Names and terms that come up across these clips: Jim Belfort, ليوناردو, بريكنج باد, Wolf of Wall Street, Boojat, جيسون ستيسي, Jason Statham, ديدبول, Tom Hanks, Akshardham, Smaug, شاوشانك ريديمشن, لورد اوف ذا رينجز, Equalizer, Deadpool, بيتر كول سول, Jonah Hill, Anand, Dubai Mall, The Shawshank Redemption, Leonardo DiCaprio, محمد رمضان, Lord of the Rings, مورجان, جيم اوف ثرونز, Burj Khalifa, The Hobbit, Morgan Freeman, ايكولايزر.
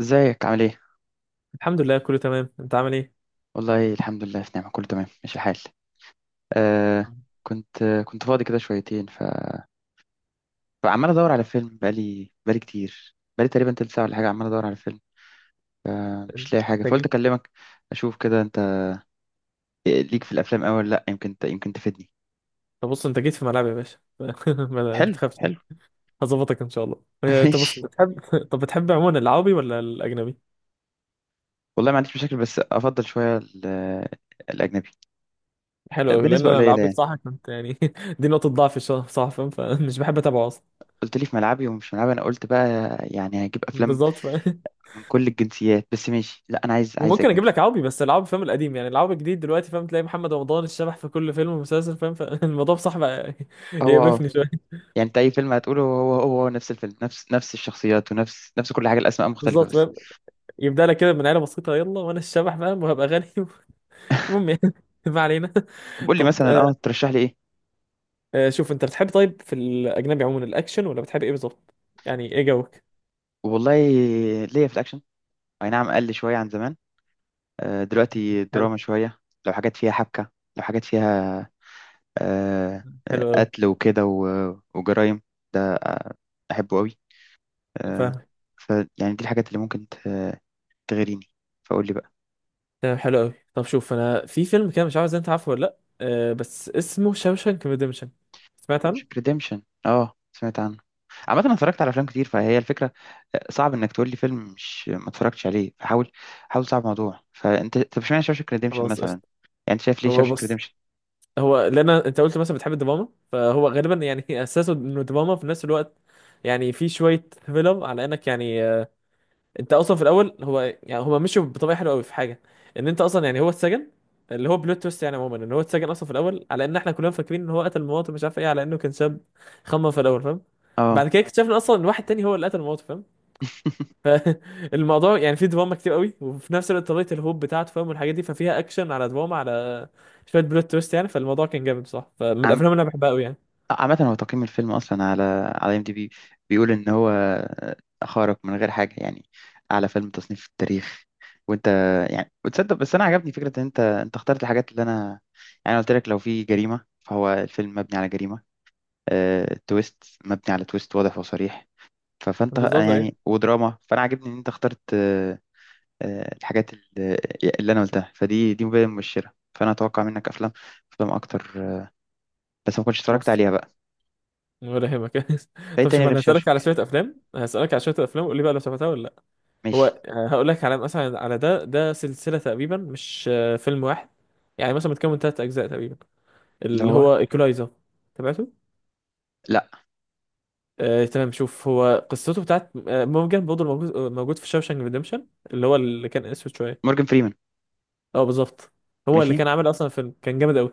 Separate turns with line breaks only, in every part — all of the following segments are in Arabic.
ازيك عامل ايه؟
الحمد لله كله تمام، انت عامل ايه؟
والله الحمد لله في نعمة، كله تمام، ماشي الحال. آه. كنت فاضي كده شويتين فعمال ادور على فيلم بقالي كتير، بقالي تقريبا تلت ساعة ولا حاجة، عمال ادور على فيلم. ف-
انت
مش لاقي حاجة، فقلت
جيت.
اكلمك. اشوف كده انت ليك في الافلام أوي ولا لا، يمكن يمكن تفيدني.
طب بص، انت جيت في ملعبي يا باشا ما
حلو
تخافش،
حلو.
هظبطك ان شاء الله. اه، طب بص
ماشي.
بتحب طب بتحب عموما العربي ولا الاجنبي؟
والله ما عنديش مشاكل، بس افضل شوية الاجنبي
حلو قوي، لان
بنسبة
انا
قليلة
العربي
يعني.
بصراحه كنت يعني دي نقطه ضعف الصراحه، فاهم؟ فمش بحب اتابعه اصلا.
قلت لي في ملعبي ومش ملعبي، انا قلت بقى يعني هجيب افلام
بالظبط.
من كل الجنسيات، بس ماشي، لا انا عايز، عايز
وممكن اجيب
اجنبي.
لك عربي، بس العربي فاهم القديم، يعني العربي الجديد دلوقتي فاهم تلاقي محمد رمضان الشبح في كل فيلم ومسلسل، فاهم؟ فالموضوع بصراحه بقى
هو اه،
يقرفني شويه.
يعني انت اي فيلم هتقوله هو نفس الفيلم، نفس الشخصيات، ونفس كل حاجه، الاسماء مختلفه
بالظبط
بس.
فاهم. يبدا لك كده من عيله بسيطه، يلا وانا الشبح فاهم وهبقى غني المهم يعني ما علينا.
طب قول لي
طب
مثلا
آه،
اه، ترشح لي ايه؟
آه، شوف انت بتحب طيب في الاجنبي عموما الاكشن ولا بتحب ايه بالظبط؟ يعني ايه جوك.
والله ليا في الاكشن، اي نعم قل شويه عن زمان. آه، دلوقتي
حلو.
دراما شويه. لو حاجات فيها حبكه، لو حاجات فيها آه
حلو
آه،
قوي.
قتل وكده وجرايم، ده آه، احبه قوي. آه.
فاهمك.
فيعني دي الحاجات اللي ممكن تغريني، فقول لي بقى.
تمام حلو قوي. طب شوف انا في فيلم كده مش عارف اذا انت عارفه ولا لا، آه، بس اسمه شاوشانك ريديمشن. سمعت
مش
عنه.
ريديمشن، اه سمعت عنه. عامة انا اتفرجت على افلام كتير، فهي الفكرة آه، صعب انك تقول لي فيلم مش ما اتفرجتش عليه، فحاول. حاول، صعب الموضوع. فانت طب اشمعنى شاوشانك ريديمشن
خلاص
مثلا يعني؟
قشطة.
انت شايف ليه
هو
شاوشانك
بص،
ريديمشن؟
هو لان انت قلت مثلا بتحب الدراما فهو غالبا يعني اساسه انه دراما في نفس الوقت. يعني في شويه فيلم على انك يعني انت اصلا في الاول هو يعني هما مشوا بطريقه حلوه قوي في حاجه، ان انت اصلا يعني هو اتسجن، اللي هو بلوت تويست يعني عموما، ان هو اتسجن اصلا في الاول على ان احنا كلنا فاكرين ان هو قتل مراته مش عارف ايه، على انه كان شاب خمم في الاول، فاهم؟
اه.
بعد كده اكتشفنا اصلا ان واحد تاني هو اللي قتل مراته، فاهم؟ فالموضوع يعني فيه دراما كتير قوي وفي نفس الوقت طريقه الهوب بتاعته، فاهم؟ والحاجات دي، ففيها اكشن على دراما على شويه بلوت تويست يعني. فالموضوع كان جامد بصراحه، فمن
عم...
الافلام اللي انا بحبها قوي يعني.
عامة هو تقييم الفيلم اصلا على على ام دي بي بيقول ان هو آه، خارق من غير حاجة يعني، اعلى فيلم تصنيف في التاريخ. وانت يعني، وتصدق بس انا عجبني فكرة ان انت اخترت الحاجات اللي انا يعني، أنا قلت لك لو في جريمة فهو الفيلم مبني على جريمة، آه، تويست مبني على تويست، واضح وصريح. فانت
بالظبط ايه.
يعني، ودراما، فانا عاجبني ان انت اخترت آه، آه، الحاجات اللي انا قلتها، فدي دي مبادئ مبشره، فانا اتوقع منك افلام، افلام اكتر آه، بس ما كنتش اتفرجت
بس
عليها بقى.
بفهمك
فايه
طب
تاني
شوف،
غير
انا هسألك على
شاوشنك؟
شوية افلام، هسألك على شوية افلام قول لي بقى لو شفتها ولا لا.
ماشي.
هو هقول لك على مثلا على ده سلسلة تقريبا مش آه، فيلم واحد، يعني مثلا متكون من ثلاث اجزاء تقريبا،
اللي
اللي
هو
هو ايكولايزر. تابعته؟
لا.
آه، تمام. شوف، هو قصته بتاعت آه، مورجان برضه موجود في شاوشانك ريديمشن، اللي هو اللي كان اسود شويه.
مورجان فريمان.
اه بالظبط. هو اللي
ماشي.
كان عامل اصلا فيلم كان جامد قوي.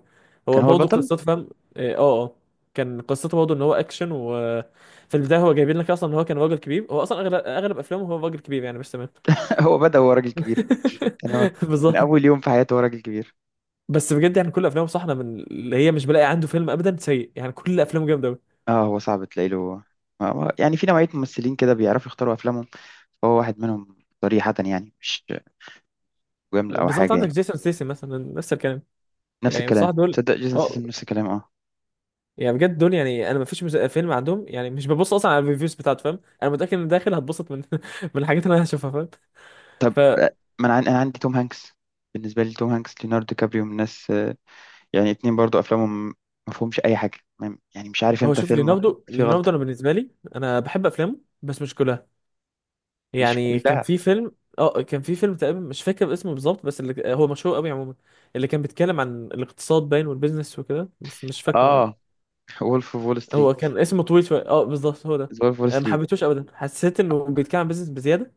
هو
كان هو
برضه
البطل.
قصته، فاهم؟ اه اه آه. كان قصته برضه ان هو اكشن، وفي البدايه هو جايبين لك اصلا ان هو كان راجل كبير، هو اصلا اغلب افلامه هو راجل كبير يعني، مش تمام؟
هو بدأ هو راجل كبير، يعني هو من
بالظبط.
اول يوم في حياته هو راجل كبير.
بس بجد يعني كل افلامه صح، أنا من اللي هي مش بلاقي عنده فيلم ابدا سيء يعني، كل افلامه جامده قوي.
اه هو صعب تلاقي له، يعني في نوعيه ممثلين كده بيعرفوا يختاروا افلامهم، فهو واحد منهم صريحه يعني، مش جمله او
بالظبط،
حاجه
عندك
يعني.
جيسون ستيسي مثلا نفس الكلام.
نفس
يعني
الكلام،
بصراحه دول
تصدق جيسون
اه،
سيسم نفس الكلام اه.
يعني بجد دول يعني، انا ما فيش فيلم عندهم يعني مش ببص اصلا على الريفيوز بتاعته، فاهم؟ انا متاكد ان داخل هتبسط من من الحاجات اللي انا هشوفها، فاهم؟
ف-
فهو.
ما انا انا عندي توم هانكس، بالنسبه لي توم هانكس ليوناردو دي كابريو من الناس آه، يعني اتنين برضو افلامهم ما فيهمش اي حاجه، يعني مش عارف امتى
شوف،
فيلم
ليوناردو،
فيه غلطه.
انا بالنسبه لي انا بحب افلامه بس مش كلها.
مش
يعني كان
كلها.
في فيلم اه، كان في فيلم تقريبا مش فاكر اسمه بالظبط، بس اللي هو مشهور قوي عموما، اللي كان بيتكلم عن الاقتصاد باين والبيزنس وكده، بس مش فاكره يعني.
اه. وولف اوف وول
هو
ستريت.
كان اسمه طويل شويه. اه بالظبط هو ده.
وولف اوف وول
أنا ما
ستريت.
حبيتهوش ابدا، حسيت انه بيتكلم عن بيزنس بزياده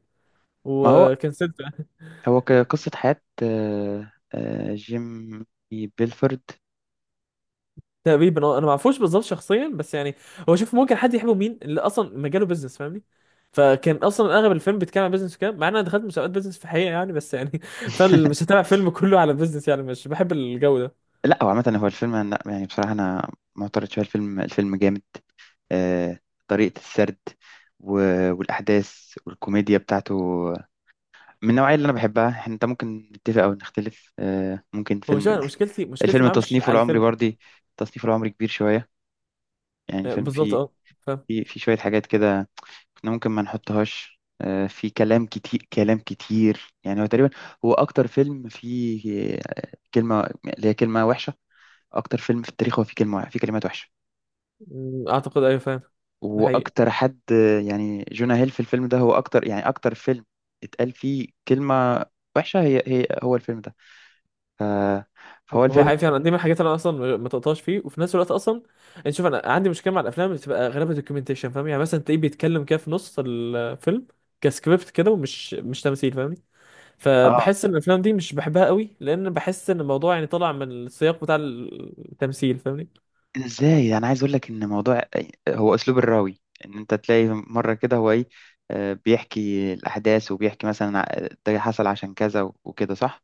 ما هو،
وكنسلت.
هو قصه حياه آه، آه، جيم بيلفورد.
تقريبا اه. انا ما اعرفوش بالظبط شخصيا بس يعني، هو شوف ممكن حد يحبه مين اللي اصلا مجاله بيزنس، فاهمني؟ فكان اصلا اغلب الفيلم بيتكلم عن بيزنس وكده، مع ان انا دخلت مسابقات بيزنس في الحقيقه يعني، بس يعني فانا مش هتابع فيلم كله على بيزنس يعني، مش بحب الجو ده.
لا هو عامه هو الفيلم، لا يعني بصراحه انا معترض شويه، الفيلم الفيلم جامد آه، طريقه السرد والاحداث والكوميديا بتاعته من النوعية اللي أنا بحبها. أنت ممكن نتفق أو نختلف آه، ممكن
هو
فيلم.
شوف، أنا مشكلتي
الفيلم
معاه مش
تصنيفه
على
العمري
الفيلم.
برضه، تصنيفه العمري كبير شوية، يعني
آه،
فيلم
بالظبط
فيه،
اه. فاهم.
فيه شوية حاجات كده كنا ممكن ما نحطهاش آه، في كلام كتير، كلام كتير يعني هو تقريبا هو أكتر فيلم فيه آه، كلمة، اللي هي كلمة وحشة. أكتر فيلم في التاريخ هو فيه كلمة، فيه كلمات وحشة.
مم، اعتقد ايوه فاهم. ده حقيقي.
وأكتر حد آه، يعني جونا هيل في الفيلم ده هو أكتر يعني أكتر فيلم اتقال فيه كلمة وحشة، هي هو الفيلم ده. ف- فهو
هو
الفيلم.
حقيقي فعلا، دي من الحاجات اللي انا اصلا ما تقطعش فيه، وفي نفس الوقت اصلا انت شوف انا عندي مشكله مع الافلام اللي بتبقى غالبا دوكيومنتيشن، فاهم؟ يعني مثلا تلاقيه بيتكلم كده في نص الفيلم كسكريبت كده، ومش مش تمثيل، فاهمني؟
اه.
فبحس ان الافلام دي مش بحبها قوي، لان بحس ان الموضوع يعني طالع من السياق بتاع التمثيل، فاهمني؟
إيه ده ازاي، انا عايز اقول لك ان موضوع، هو اسلوب الراوي ان انت تلاقي مره كده هو ايه، آه، بيحكي الاحداث وبيحكي مثلا ده حصل عشان كذا وكده، صح.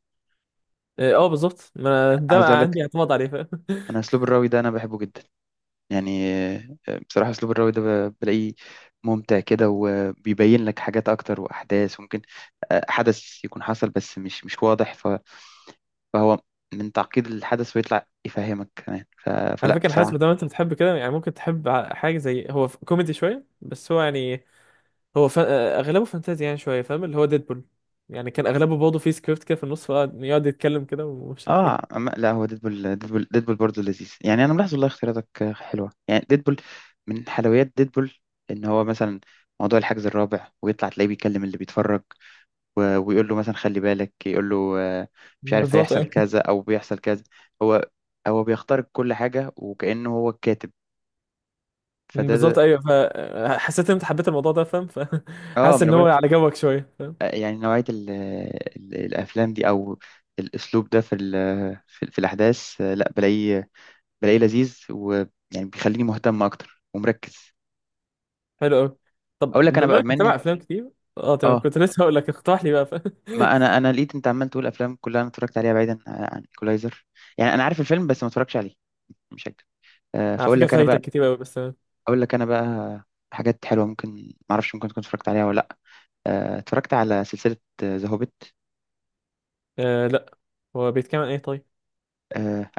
اه آه، بالظبط، ما أنا ده
عايز اقول
بقى
لك
عندي اعتماد عليه، فاهم؟
انا اسلوب الراوي ده انا بحبه جدا، يعني آه، بصراحه اسلوب الراوي ده بلاقيه ممتع كده، وبيبين لك حاجات اكتر واحداث ممكن آه، حدث يكون حصل بس مش واضح، فهو من تعقيد الحدث ويطلع يفهمك كمان،
على
فلا
فكره حاسس
بصراحه.
ما دام انت بتحب كده يعني ممكن تحب حاجه زي، هو كوميدي شويه بس هو يعني، هو اغلبه فانتازي يعني شويه، فاهم؟ اللي هو ديدبول. يعني كان اغلبه برضه فيه سكريبت كده في النص، فقعد يتكلم كده ومش عارف
اه
ايه.
أما لا، هو ديدبول، ديدبول برضه لذيذ يعني، انا ملاحظ والله اختياراتك حلوه. يعني ديدبول من حلويات ديدبول ان هو مثلا موضوع الحجز الرابع، ويطلع تلاقيه بيكلم اللي بيتفرج ويقول له مثلا خلي بالك، يقول له آه، مش عارف
بالظبط
هيحصل
ايوه.
كذا او بيحصل كذا. هو هو بيخترق كل حاجه وكانه هو الكاتب. فده
بالظبط
ده
ايوه، فحسيت ان انت حبيت الموضوع ده، فاهم؟
اه،
فحاسس
ما انا
ان هو
بقولك
على جوك شويه، فاهم؟
آه، يعني نوعيه ال الافلام دي، او الاسلوب ده في في، في الاحداث آه، لا بلاقيه، بلاقيه لذيذ ويعني بيخليني مهتم اكتر ومركز.
حلو قوي. طب
اقول لك انا
بما
بقى
انك
بما
متابع
اني
افلام كتير. اه تمام،
اه،
كنت لسه هقول لك اقترح لي بقى، فاهم؟
ما انا لقيت انت عمال تقول افلام كلها انا اتفرجت عليها، بعيدا عن ايكولايزر يعني، انا عارف الفيلم بس ما اتفرجتش عليه، مش هكدب آه،
على
فاقول
فكره
لك انا
فايتك
بقى،
كتير قوي بس تمام.
اقول لك انا بقى حاجات حلوه ممكن ما اعرفش ممكن تكون اتفرجت عليها ولا لا. آه، اتفرجت على سلسله ذا هوبيت.
آه لا. هو بيتكلم عن ايه طيب؟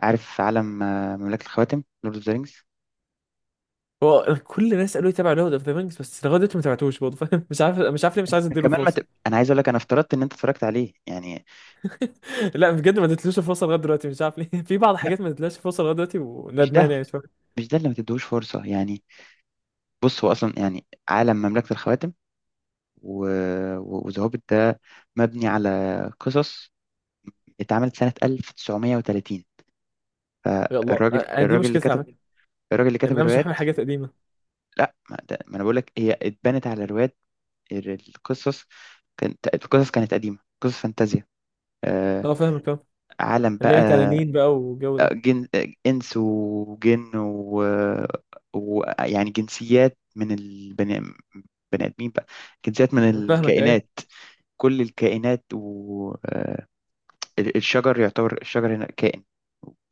عارف عالم آه، مملكه الخواتم، لورد اوف ذا رينجز.
هو كل الناس قالوا لي تابع لورد اوف ذا رينجز، بس لغايه دلوقتي ما تابعتوش برضه، فاهم؟ مش عارف، ليه، مش عايز اديله
كمان ما
فرصه.
ت... انا عايز اقول لك انا افترضت ان انت اتفرجت عليه يعني.
لا بجد، ما اديتلوش الفرصه لغايه دلوقتي، مش عارف ليه في بعض
لا
الحاجات ما اديتلهاش الفرصه لغايه دلوقتي،
مش ده،
وندمان يعني شويه.
مش ده اللي ما تديهوش فرصه يعني. بص هو اصلا يعني عالم مملكه الخواتم وذهبت ده مبني على قصص اتعملت سنه 1930،
يا الله،
فالراجل
أنا دي
الراجل اللي
مشكلتي
كتب،
على فكره،
الراجل اللي
ان
كتب
انا مش بحمل
الروايات.
حاجات قديمه.
لا ما، ده ما انا بقول لك هي اتبنت على روايات، القصص، كانت القصص كانت قديمه، قصص فانتازيا آه،
اه فاهمك اه.
عالم
اللي
بقى
هي تنانين بقى والجو
آه،
ده.
جن آه، انس وجن ويعني جنسيات من البني، بني ادمين بقى، جنسيات من
فاهمك ايوه.
الكائنات، كل الكائنات والشجر، يعتبر الشجر هنا كائن،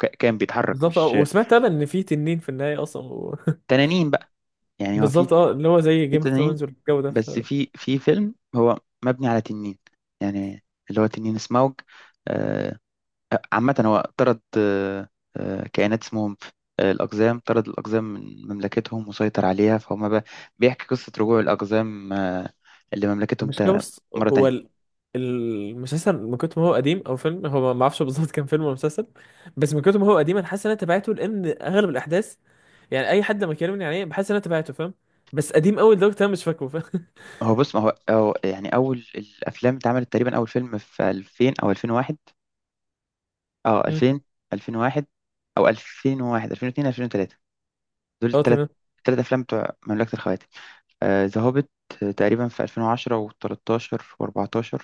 كائن بيتحرك
بالظبط اه،
مش
وسمعت انا ان في تنين في النهايه اصلا
تنانين بقى، يعني هو في
بالظبط اه، اللي هو زي
في
جيم اوف
تنانين.
ثرونز والجو ده.
بس في في فيلم هو مبني على تنين، يعني اللي هو تنين سموج آه، آه، عامة هو طرد آه، آه، كائنات اسمهم آه، الأقزام، طرد الأقزام من مملكتهم وسيطر عليها فهم بقى، بيحكي قصة رجوع الأقزام آه، لمملكتهم
فالمشكله بص،
مرة تانية.
المسلسل من كتر ما هو قديم، او فيلم هو، ما اعرفش بالظبط كان فيلم ولا مسلسل، بس من كتر ما هو قديم انا حاسس ان انا تابعته، لان اغلب الاحداث يعني اي حد لما يكلمني عليه بحس ان انا تابعته، فاهم؟ بس قديم قوي لدرجه انا مش فاكره، فاهم؟
هو بص ما هو يعني اول الافلام اتعملت تقريبا اول فيلم في 2000 او 2001، اه
مم.
2000 2001، او 2001 2002 2003، دول
اه
الثلاث،
تمام.
الثلاث افلام بتوع مملكة الخواتم. ذا هوبيت تقريبا في 2010 و13 و14.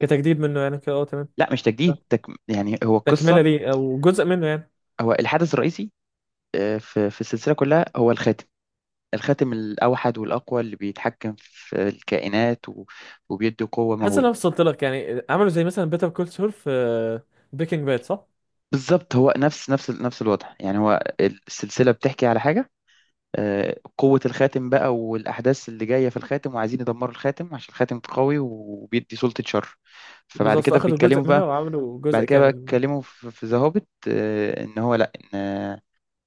كتجديد منه يعني كده، اه تمام.
لا مش
آه.
تجديد يعني هو
تكمله
القصة،
ليه او جزء منه يعني.
هو الحدث الرئيسي آه، في في السلسلة كلها هو الخاتم، الخاتم الأوحد والأقوى اللي بيتحكم في الكائنات وبيدي قوة
حاسس ان انا
مهولة.
وصلت لك، يعني عملوا زي مثلا بيتر كول سول في بريكنج باد، صح؟
بالظبط، هو نفس الوضع يعني، هو السلسلة بتحكي على حاجة آه، قوة الخاتم بقى، والأحداث اللي جاية في الخاتم، وعايزين يدمروا الخاتم عشان الخاتم قوي وبيدي سلطة شر. فبعد
بالظبط،
كده
فاخدوا
بيتكلموا
جزء منها
بقى،
وعملوا
بعد
جزء
كده بقى
كامل منها.
اتكلموا في ذا هوبيت، إن هو لأ، إن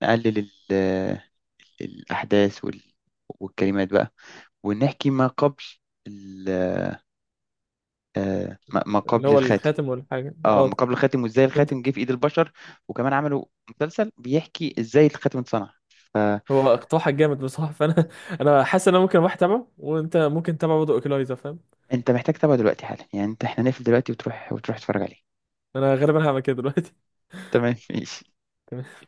نقلل ال- الأحداث والكلمات بقى، ونحكي ما قبل ال- آه، ما
اللي
قبل
هو
الخاتم.
الخاتم والحاجه
اه ما
اه.
قبل الخاتم، وازاي
فهمت.
الخاتم جه في ايد البشر. وكمان عملوا مسلسل بيحكي ازاي الخاتم اتصنع. فانت
هو اقتراحك جامد بصراحه، فانا انا حاسس ان انا ممكن واحد تابعه، وانت ممكن تتابع برضه اوكلايزر، فاهم؟
محتاج تتابعه دلوقتي حالا يعني، انت احنا نقفل دلوقتي وتروح، وتروح تتفرج عليه.
انا غالبا هعمل كده دلوقتي.
تمام ماشي.